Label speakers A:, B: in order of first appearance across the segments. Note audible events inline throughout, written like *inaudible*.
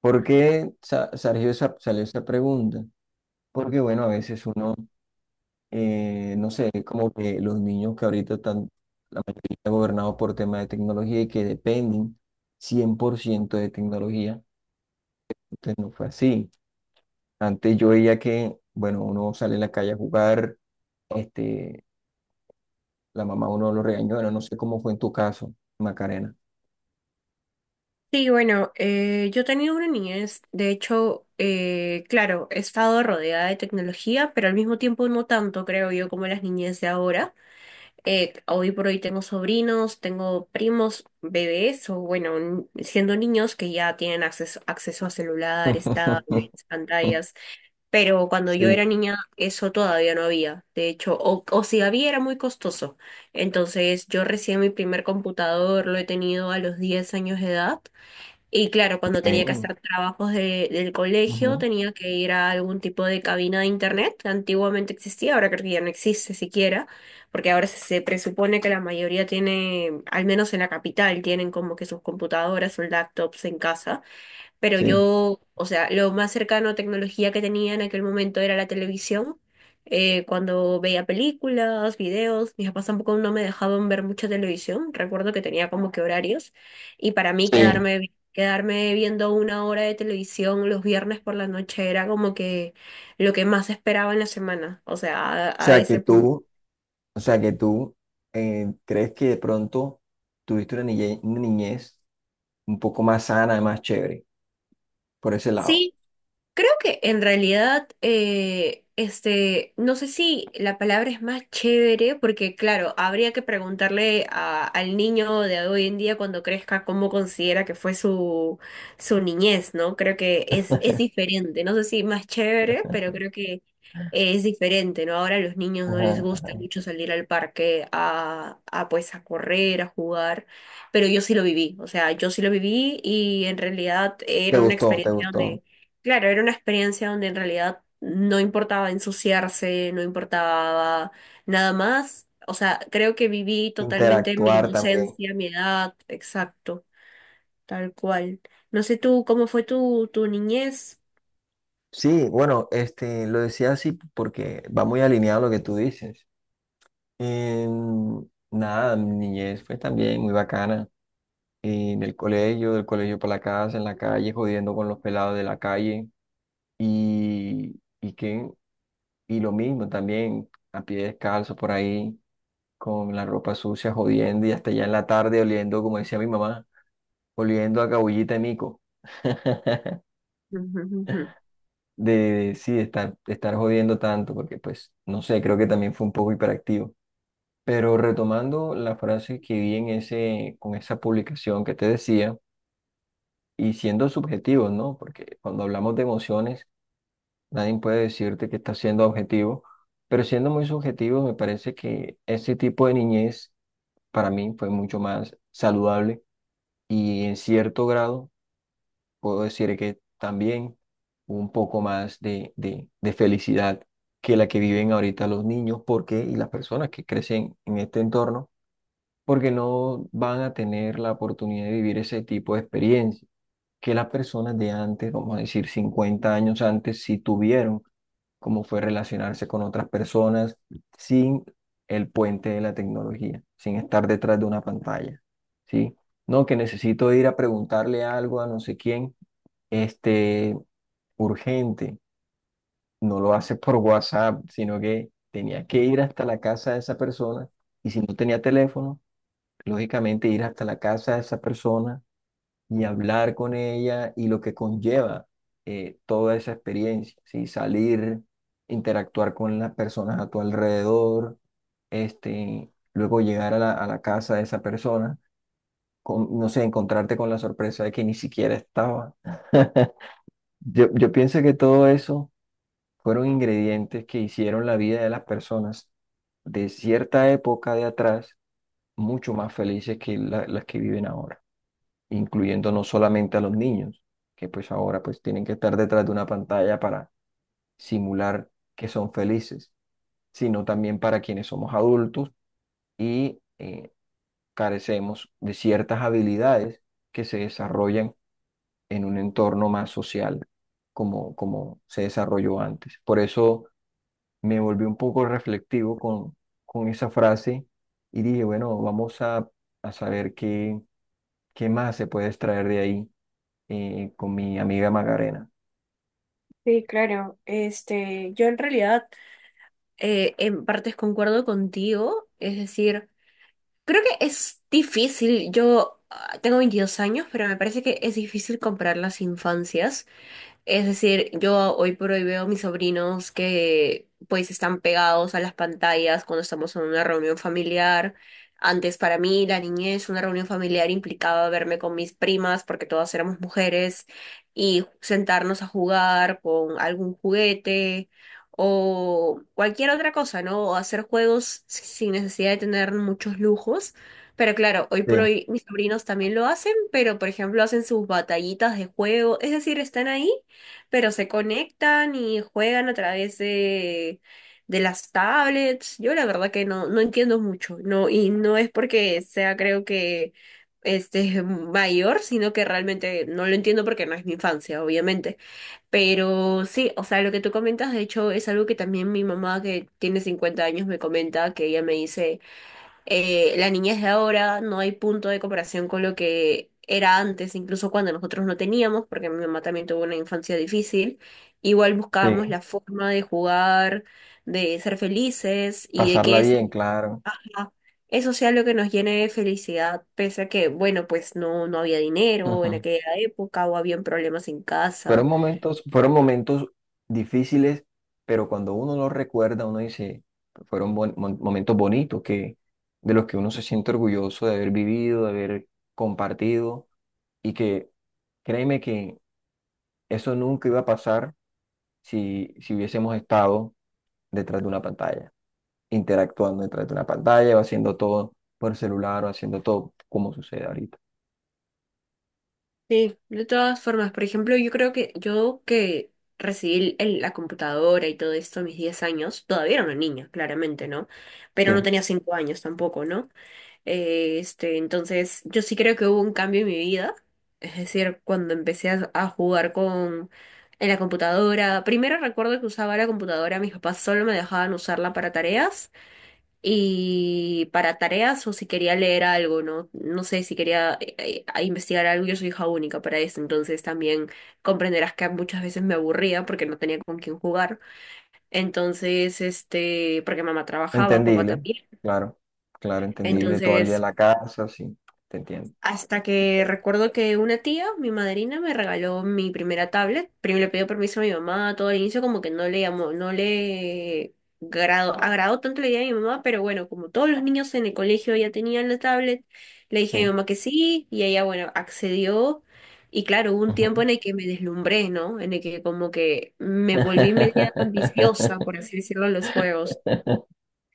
A: ¿Por qué salió esa pregunta? Porque, bueno, a veces uno, no sé, como que los niños que ahorita están, la mayoría gobernados por temas de tecnología y que dependen 100% de tecnología, entonces no fue así. Antes yo veía que, bueno, uno sale a la calle a jugar, este, la mamá uno lo regañó, bueno, no sé cómo fue en tu caso, Macarena.
B: Sí, bueno, yo he tenido una niñez, de hecho, claro, he estado rodeada de tecnología, pero al mismo tiempo no tanto, creo yo, como las niñez de ahora. Hoy por hoy tengo sobrinos, tengo primos, bebés, o bueno, siendo niños que ya tienen acceso a celulares, tablets,
A: *laughs*
B: pantallas, pero cuando yo era
A: Sí.
B: niña eso todavía no había, de hecho, o si había era muy costoso. Entonces yo recién mi primer computador lo he tenido a los 10 años de edad. Y claro, cuando tenía que
A: Eh,
B: hacer trabajos del colegio,
A: ujú,
B: tenía que ir a algún tipo de cabina de internet que antiguamente existía, ahora creo que ya no existe siquiera, porque ahora se presupone que la mayoría tiene, al menos en la capital, tienen como que sus computadoras o laptops en casa. Pero
A: sí.
B: yo, o sea, lo más cercano a tecnología que tenía en aquel momento era la televisión. Cuando veía películas, videos, mis papás tampoco no me dejaban ver mucha televisión. Recuerdo que tenía como que horarios. Y para mí
A: Sí.
B: quedarme viendo una hora de televisión los viernes por la noche era como que lo que más esperaba en la semana. O sea, a
A: Sea que
B: ese punto.
A: tú O sea que tú crees que de pronto tuviste una niñez un poco más sana, más chévere, por ese lado.
B: Sí, creo que en realidad, este, no sé si la palabra es más chévere, porque claro, habría que preguntarle al niño de hoy en día cuando crezca cómo considera que fue su, su niñez, ¿no? Creo que es diferente, no sé si más chévere, pero creo que es diferente, ¿no? Ahora a los niños no les
A: Ajá.
B: gusta mucho salir al parque a pues a correr, a jugar, pero yo sí lo viví, o sea, yo sí lo viví y en realidad
A: Te
B: era una
A: gustó, te
B: experiencia
A: gustó.
B: donde... Claro, era una experiencia donde en realidad no importaba ensuciarse, no importaba nada más. O sea, creo que viví totalmente mi
A: Interactuar también.
B: inocencia, mi edad, exacto, tal cual. No sé tú, ¿cómo fue tu, tu niñez?
A: Sí, bueno, lo decía así porque va muy alineado a lo que tú dices. Em, nada, mi niñez fue también muy bacana. En el colegio, del colegio para la casa, en la calle, jodiendo con los pelados de la calle. Y, y, qué- y lo mismo también, a pie descalzo por ahí con la ropa sucia, jodiendo y hasta ya en la tarde oliendo, como decía mi mamá, oliendo a cabullita y mico. *laughs*
B: Ujú, ujú.
A: Sí, de estar jodiendo tanto, porque pues, no sé, creo que también fue un poco hiperactivo. Pero retomando la frase que vi en ese, con esa publicación que te decía, y siendo subjetivos, ¿no? Porque cuando hablamos de emociones, nadie puede decirte que está siendo objetivo, pero siendo muy subjetivos, me parece que ese tipo de niñez para mí fue mucho más saludable y en cierto grado puedo decir que también un poco más de felicidad que la que viven ahorita los niños, porque y las personas que crecen en este entorno, porque no van a tener la oportunidad de vivir ese tipo de experiencia que las personas de antes, vamos a decir 50 años antes, sí tuvieron cómo fue relacionarse con otras personas sin el puente de la tecnología, sin estar detrás de una pantalla, ¿sí? No, que necesito ir a preguntarle algo a no sé quién, este, urgente, no lo hace por WhatsApp, sino que tenía que ir hasta la casa de esa persona y si no tenía teléfono, lógicamente ir hasta la casa de esa persona y hablar con ella y lo que conlleva toda esa experiencia, ¿sí? Salir, interactuar con las personas a tu alrededor, luego llegar a a la casa de esa persona, con, no sé, encontrarte con la sorpresa de que ni siquiera estaba. *laughs* Yo pienso que todo eso fueron ingredientes que hicieron la vida de las personas de cierta época de atrás mucho más felices que las que viven ahora, incluyendo no solamente a los niños, que pues ahora pues tienen que estar detrás de una pantalla para simular que son felices, sino también para quienes somos adultos y carecemos de ciertas habilidades que se desarrollan en un entorno más social, como, como se desarrolló antes. Por eso me volví un poco reflectivo con esa frase y dije, bueno, vamos a saber qué, qué más se puede extraer de ahí con mi amiga Macarena.
B: Sí, claro. Este, yo en realidad en partes concuerdo contigo, es decir, creo que es difícil. Yo tengo 22 años, pero me parece que es difícil comparar las infancias. Es decir, yo hoy por hoy veo a mis sobrinos que pues están pegados a las pantallas cuando estamos en una reunión familiar. Antes para mí, la niñez, una reunión familiar implicaba verme con mis primas porque todas éramos mujeres y sentarnos a jugar con algún juguete o cualquier otra cosa, ¿no? O hacer juegos sin necesidad de tener muchos lujos. Pero claro, hoy por
A: Sí,
B: hoy mis sobrinos también lo hacen, pero por ejemplo hacen sus batallitas de juego, es decir, están ahí pero se conectan y juegan a través de las tablets. Yo la verdad que no entiendo mucho, no, y no es porque sea, creo que este *laughs* mayor, sino que realmente no lo entiendo porque no es mi infancia, obviamente. Pero sí, o sea, lo que tú comentas, de hecho, es algo que también mi mamá, que tiene 50 años, me comenta, que ella me dice la niñez de ahora no hay punto de comparación con lo que era antes, incluso cuando nosotros no teníamos, porque mi mamá también tuvo una infancia difícil. Igual buscábamos
A: sí,
B: la forma de jugar, de ser felices y de
A: pasarla
B: que
A: bien, claro.
B: sea eso sea lo que nos llene de felicidad, pese a que, bueno, pues no había dinero en
A: Ujú.
B: aquella época o habían problemas en casa.
A: Fueron momentos difíciles, pero cuando uno los recuerda, uno dice, fueron momentos bonitos que, de los que uno se siente orgulloso de haber vivido, de haber compartido y que créeme que eso nunca iba a pasar si, si hubiésemos estado detrás de una pantalla, interactuando detrás de una pantalla o haciendo todo por celular o haciendo todo como sucede ahorita.
B: Sí, de todas formas, por ejemplo, yo creo que yo que recibí la computadora y todo esto a mis 10 años, todavía era una niña, claramente, ¿no? Pero no
A: Sí.
B: tenía 5 años tampoco, ¿no? Este, entonces, yo sí creo que hubo un cambio en mi vida, es decir, cuando empecé a jugar con en la computadora, primero recuerdo que usaba la computadora, mis papás solo me dejaban usarla para tareas. Y para tareas o si quería leer algo, ¿no? No sé si quería investigar algo, yo soy hija única para eso, entonces también comprenderás que muchas veces me aburría porque no tenía con quién jugar. Entonces, este, porque mamá trabajaba, papá
A: Entendible,
B: también.
A: claro, claro, entendible. Todo el día en
B: Entonces,
A: la casa, sí, te entiendo.
B: hasta que recuerdo que una tía, mi madrina, me regaló mi primera tablet. Primero le pidió permiso a mi mamá, todo al inicio como que no le llamó, no le grado, agradó tanto la idea de mi mamá, pero bueno, como todos los niños en el colegio ya tenían la tablet, le dije a mi
A: Sí.
B: mamá que sí, y ella, bueno, accedió. Y claro, hubo un tiempo
A: Ujú.
B: en el que me deslumbré, ¿no? En el que como que me volví media ambiciosa,
A: *laughs*
B: por así decirlo, en los juegos.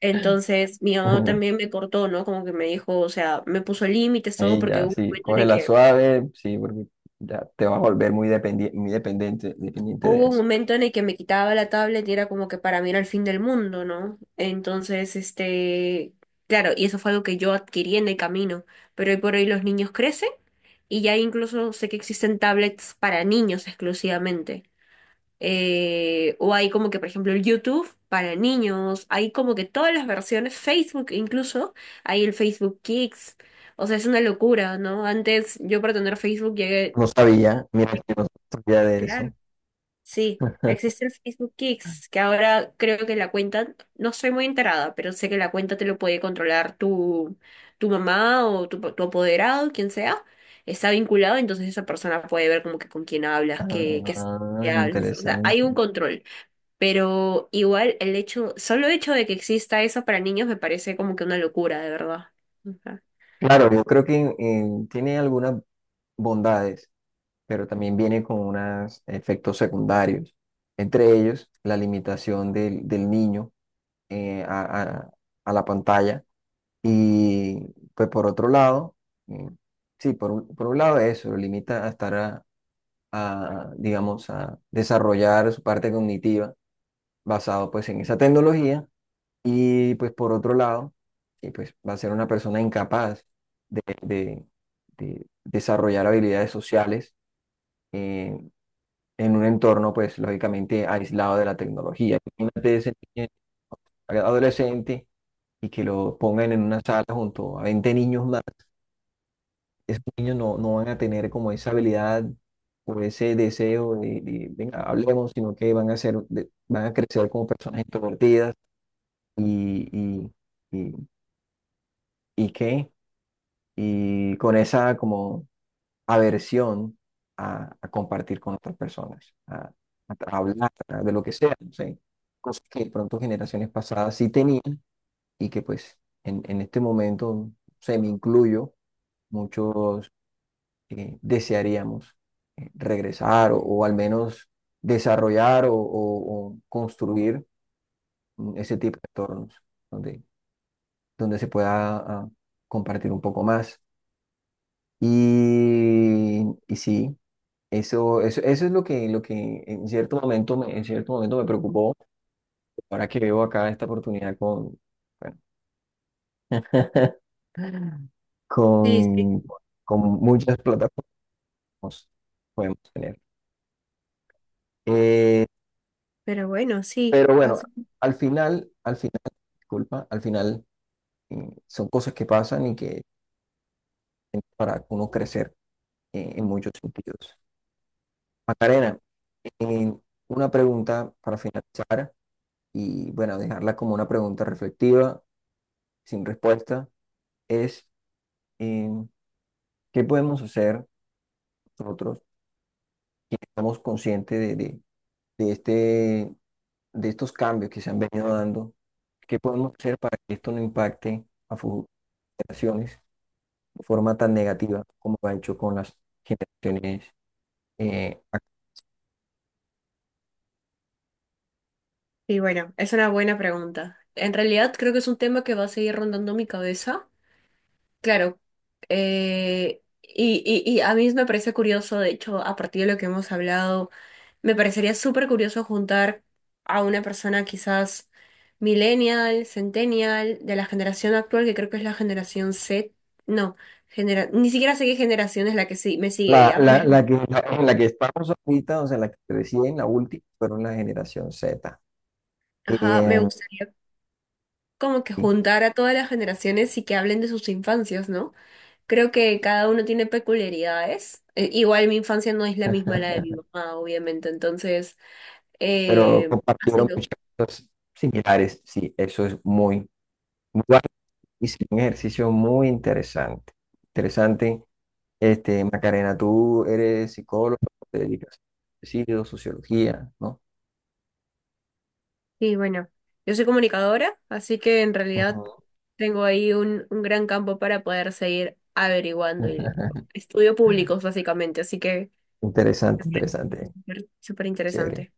B: Entonces, mi mamá también me cortó, ¿no? Como que me dijo, o sea, me puso límites, todo,
A: Y
B: porque
A: ya,
B: hubo un
A: sí,
B: momento en el
A: cógela
B: que,
A: suave, sí, porque ya te vas a volver muy dependiente, dependiente de
B: hubo un
A: eso.
B: momento en el que me quitaba la tablet y era como que para mí era el fin del mundo, ¿no? Entonces, este, claro, y eso fue algo que yo adquirí en el camino, pero hoy por hoy los niños crecen y ya incluso sé que existen tablets para niños exclusivamente. O hay como que, por ejemplo, el YouTube para niños, hay como que todas las versiones, Facebook incluso, hay el Facebook Kids. O sea, es una locura, ¿no? Antes yo para tener Facebook llegué,
A: No sabía, mira que no sabía de eso.
B: claro, sí,
A: *laughs*
B: existe el Facebook Kids, que ahora creo que la cuenta, no estoy muy enterada, pero sé que la cuenta te lo puede controlar tu mamá o tu apoderado, quien sea, está vinculado, entonces esa persona puede ver como que con quién hablas,
A: Ah,
B: qué hablas, o sea, hay
A: interesante.
B: un control. Pero igual el hecho, solo hecho de que exista eso para niños me parece como que una locura, de verdad. Ajá.
A: Claro, yo creo que tiene algunas bondades, pero también viene con unos efectos secundarios, entre ellos la limitación del, del niño eh, a, a- a la pantalla. Y pues por otro lado, mm, sí, por un lado eso, lo limita a estar digamos, a desarrollar su parte cognitiva basado pues en esa tecnología y pues por otro lado, y pues va a ser una persona incapaz de, de desarrollar habilidades sociales eh, en un entorno, pues, lógicamente aislado de la tecnología. Imagínate ese niño adolescente y que lo pongan en una sala junto a 20 niños más. Esos niños no, no van a tener como esa habilidad o ese deseo venga, hablemos, sino que van a ser, van a crecer como personas introvertidas y, y, y, y qué, y con esa como aversión a compartir con otras personas, a, hablar de lo que sea, no sé, cosas que de pronto generaciones pasadas sí tenían y que pues en este momento, se me incluyo, muchos desearíamos regresar o al menos desarrollar o, o construir mm, ese tipo de entornos donde, donde se pueda ah, compartir un poco más. Y sí. Eso es lo que en cierto momento me, en cierto momento me preocupó. Ahora que veo acá esta oportunidad con, bueno, *laughs*
B: Sí, sí.
A: con, con muchas plataformas podemos tener. Eh,
B: Pero bueno, sí.
A: pero bueno,
B: Así.
A: al final, disculpa, al final son cosas que pasan y que para uno crecer en muchos sentidos. Macarena, eh, una pregunta para finalizar y bueno, dejarla como una pregunta reflexiva, sin respuesta. Es eh, qué podemos hacer nosotros que estamos conscientes de este, de estos cambios que se han venido dando, qué podemos hacer para que esto no impacte a futuras generaciones de forma tan negativa como lo ha hecho con las generaciones eh, ac-
B: Y bueno, es una buena pregunta. En realidad creo que es un tema que va a seguir rondando mi cabeza. Claro. Y a mí me parece curioso, de hecho, a partir de lo que hemos hablado. Me parecería súper curioso juntar a una persona quizás millennial, centennial, de la generación actual, que creo que es la generación Z. No, ni siquiera sé qué generación es la que sí me sigue
A: la,
B: ya, *laughs* pero
A: la que, en la que estamos ahorita, o sea, la que recién, la última, fueron la generación Z.
B: ajá, me
A: Eh,
B: gustaría como que
A: sí.
B: juntar a todas las generaciones y que hablen de sus infancias, ¿no? Creo que cada uno tiene peculiaridades. Igual mi infancia no es la misma a la de mi
A: *laughs*
B: mamá, obviamente, entonces,
A: Pero
B: así,
A: compartieron
B: ¿no?
A: muchas cosas similares, sí, eso es muy... muy válido. Hice un ejercicio muy interesante. Interesante. Este, Macarena, tú eres psicólogo, te dedicas a suicidio, sociología, ¿no?
B: Y bueno, yo soy comunicadora, así que en realidad
A: Ujú.
B: tengo ahí un gran campo para poder seguir averiguando y
A: *laughs*
B: estudio públicos básicamente, así que me
A: Interesante,
B: parece
A: interesante.
B: súper
A: Chévere.
B: interesante.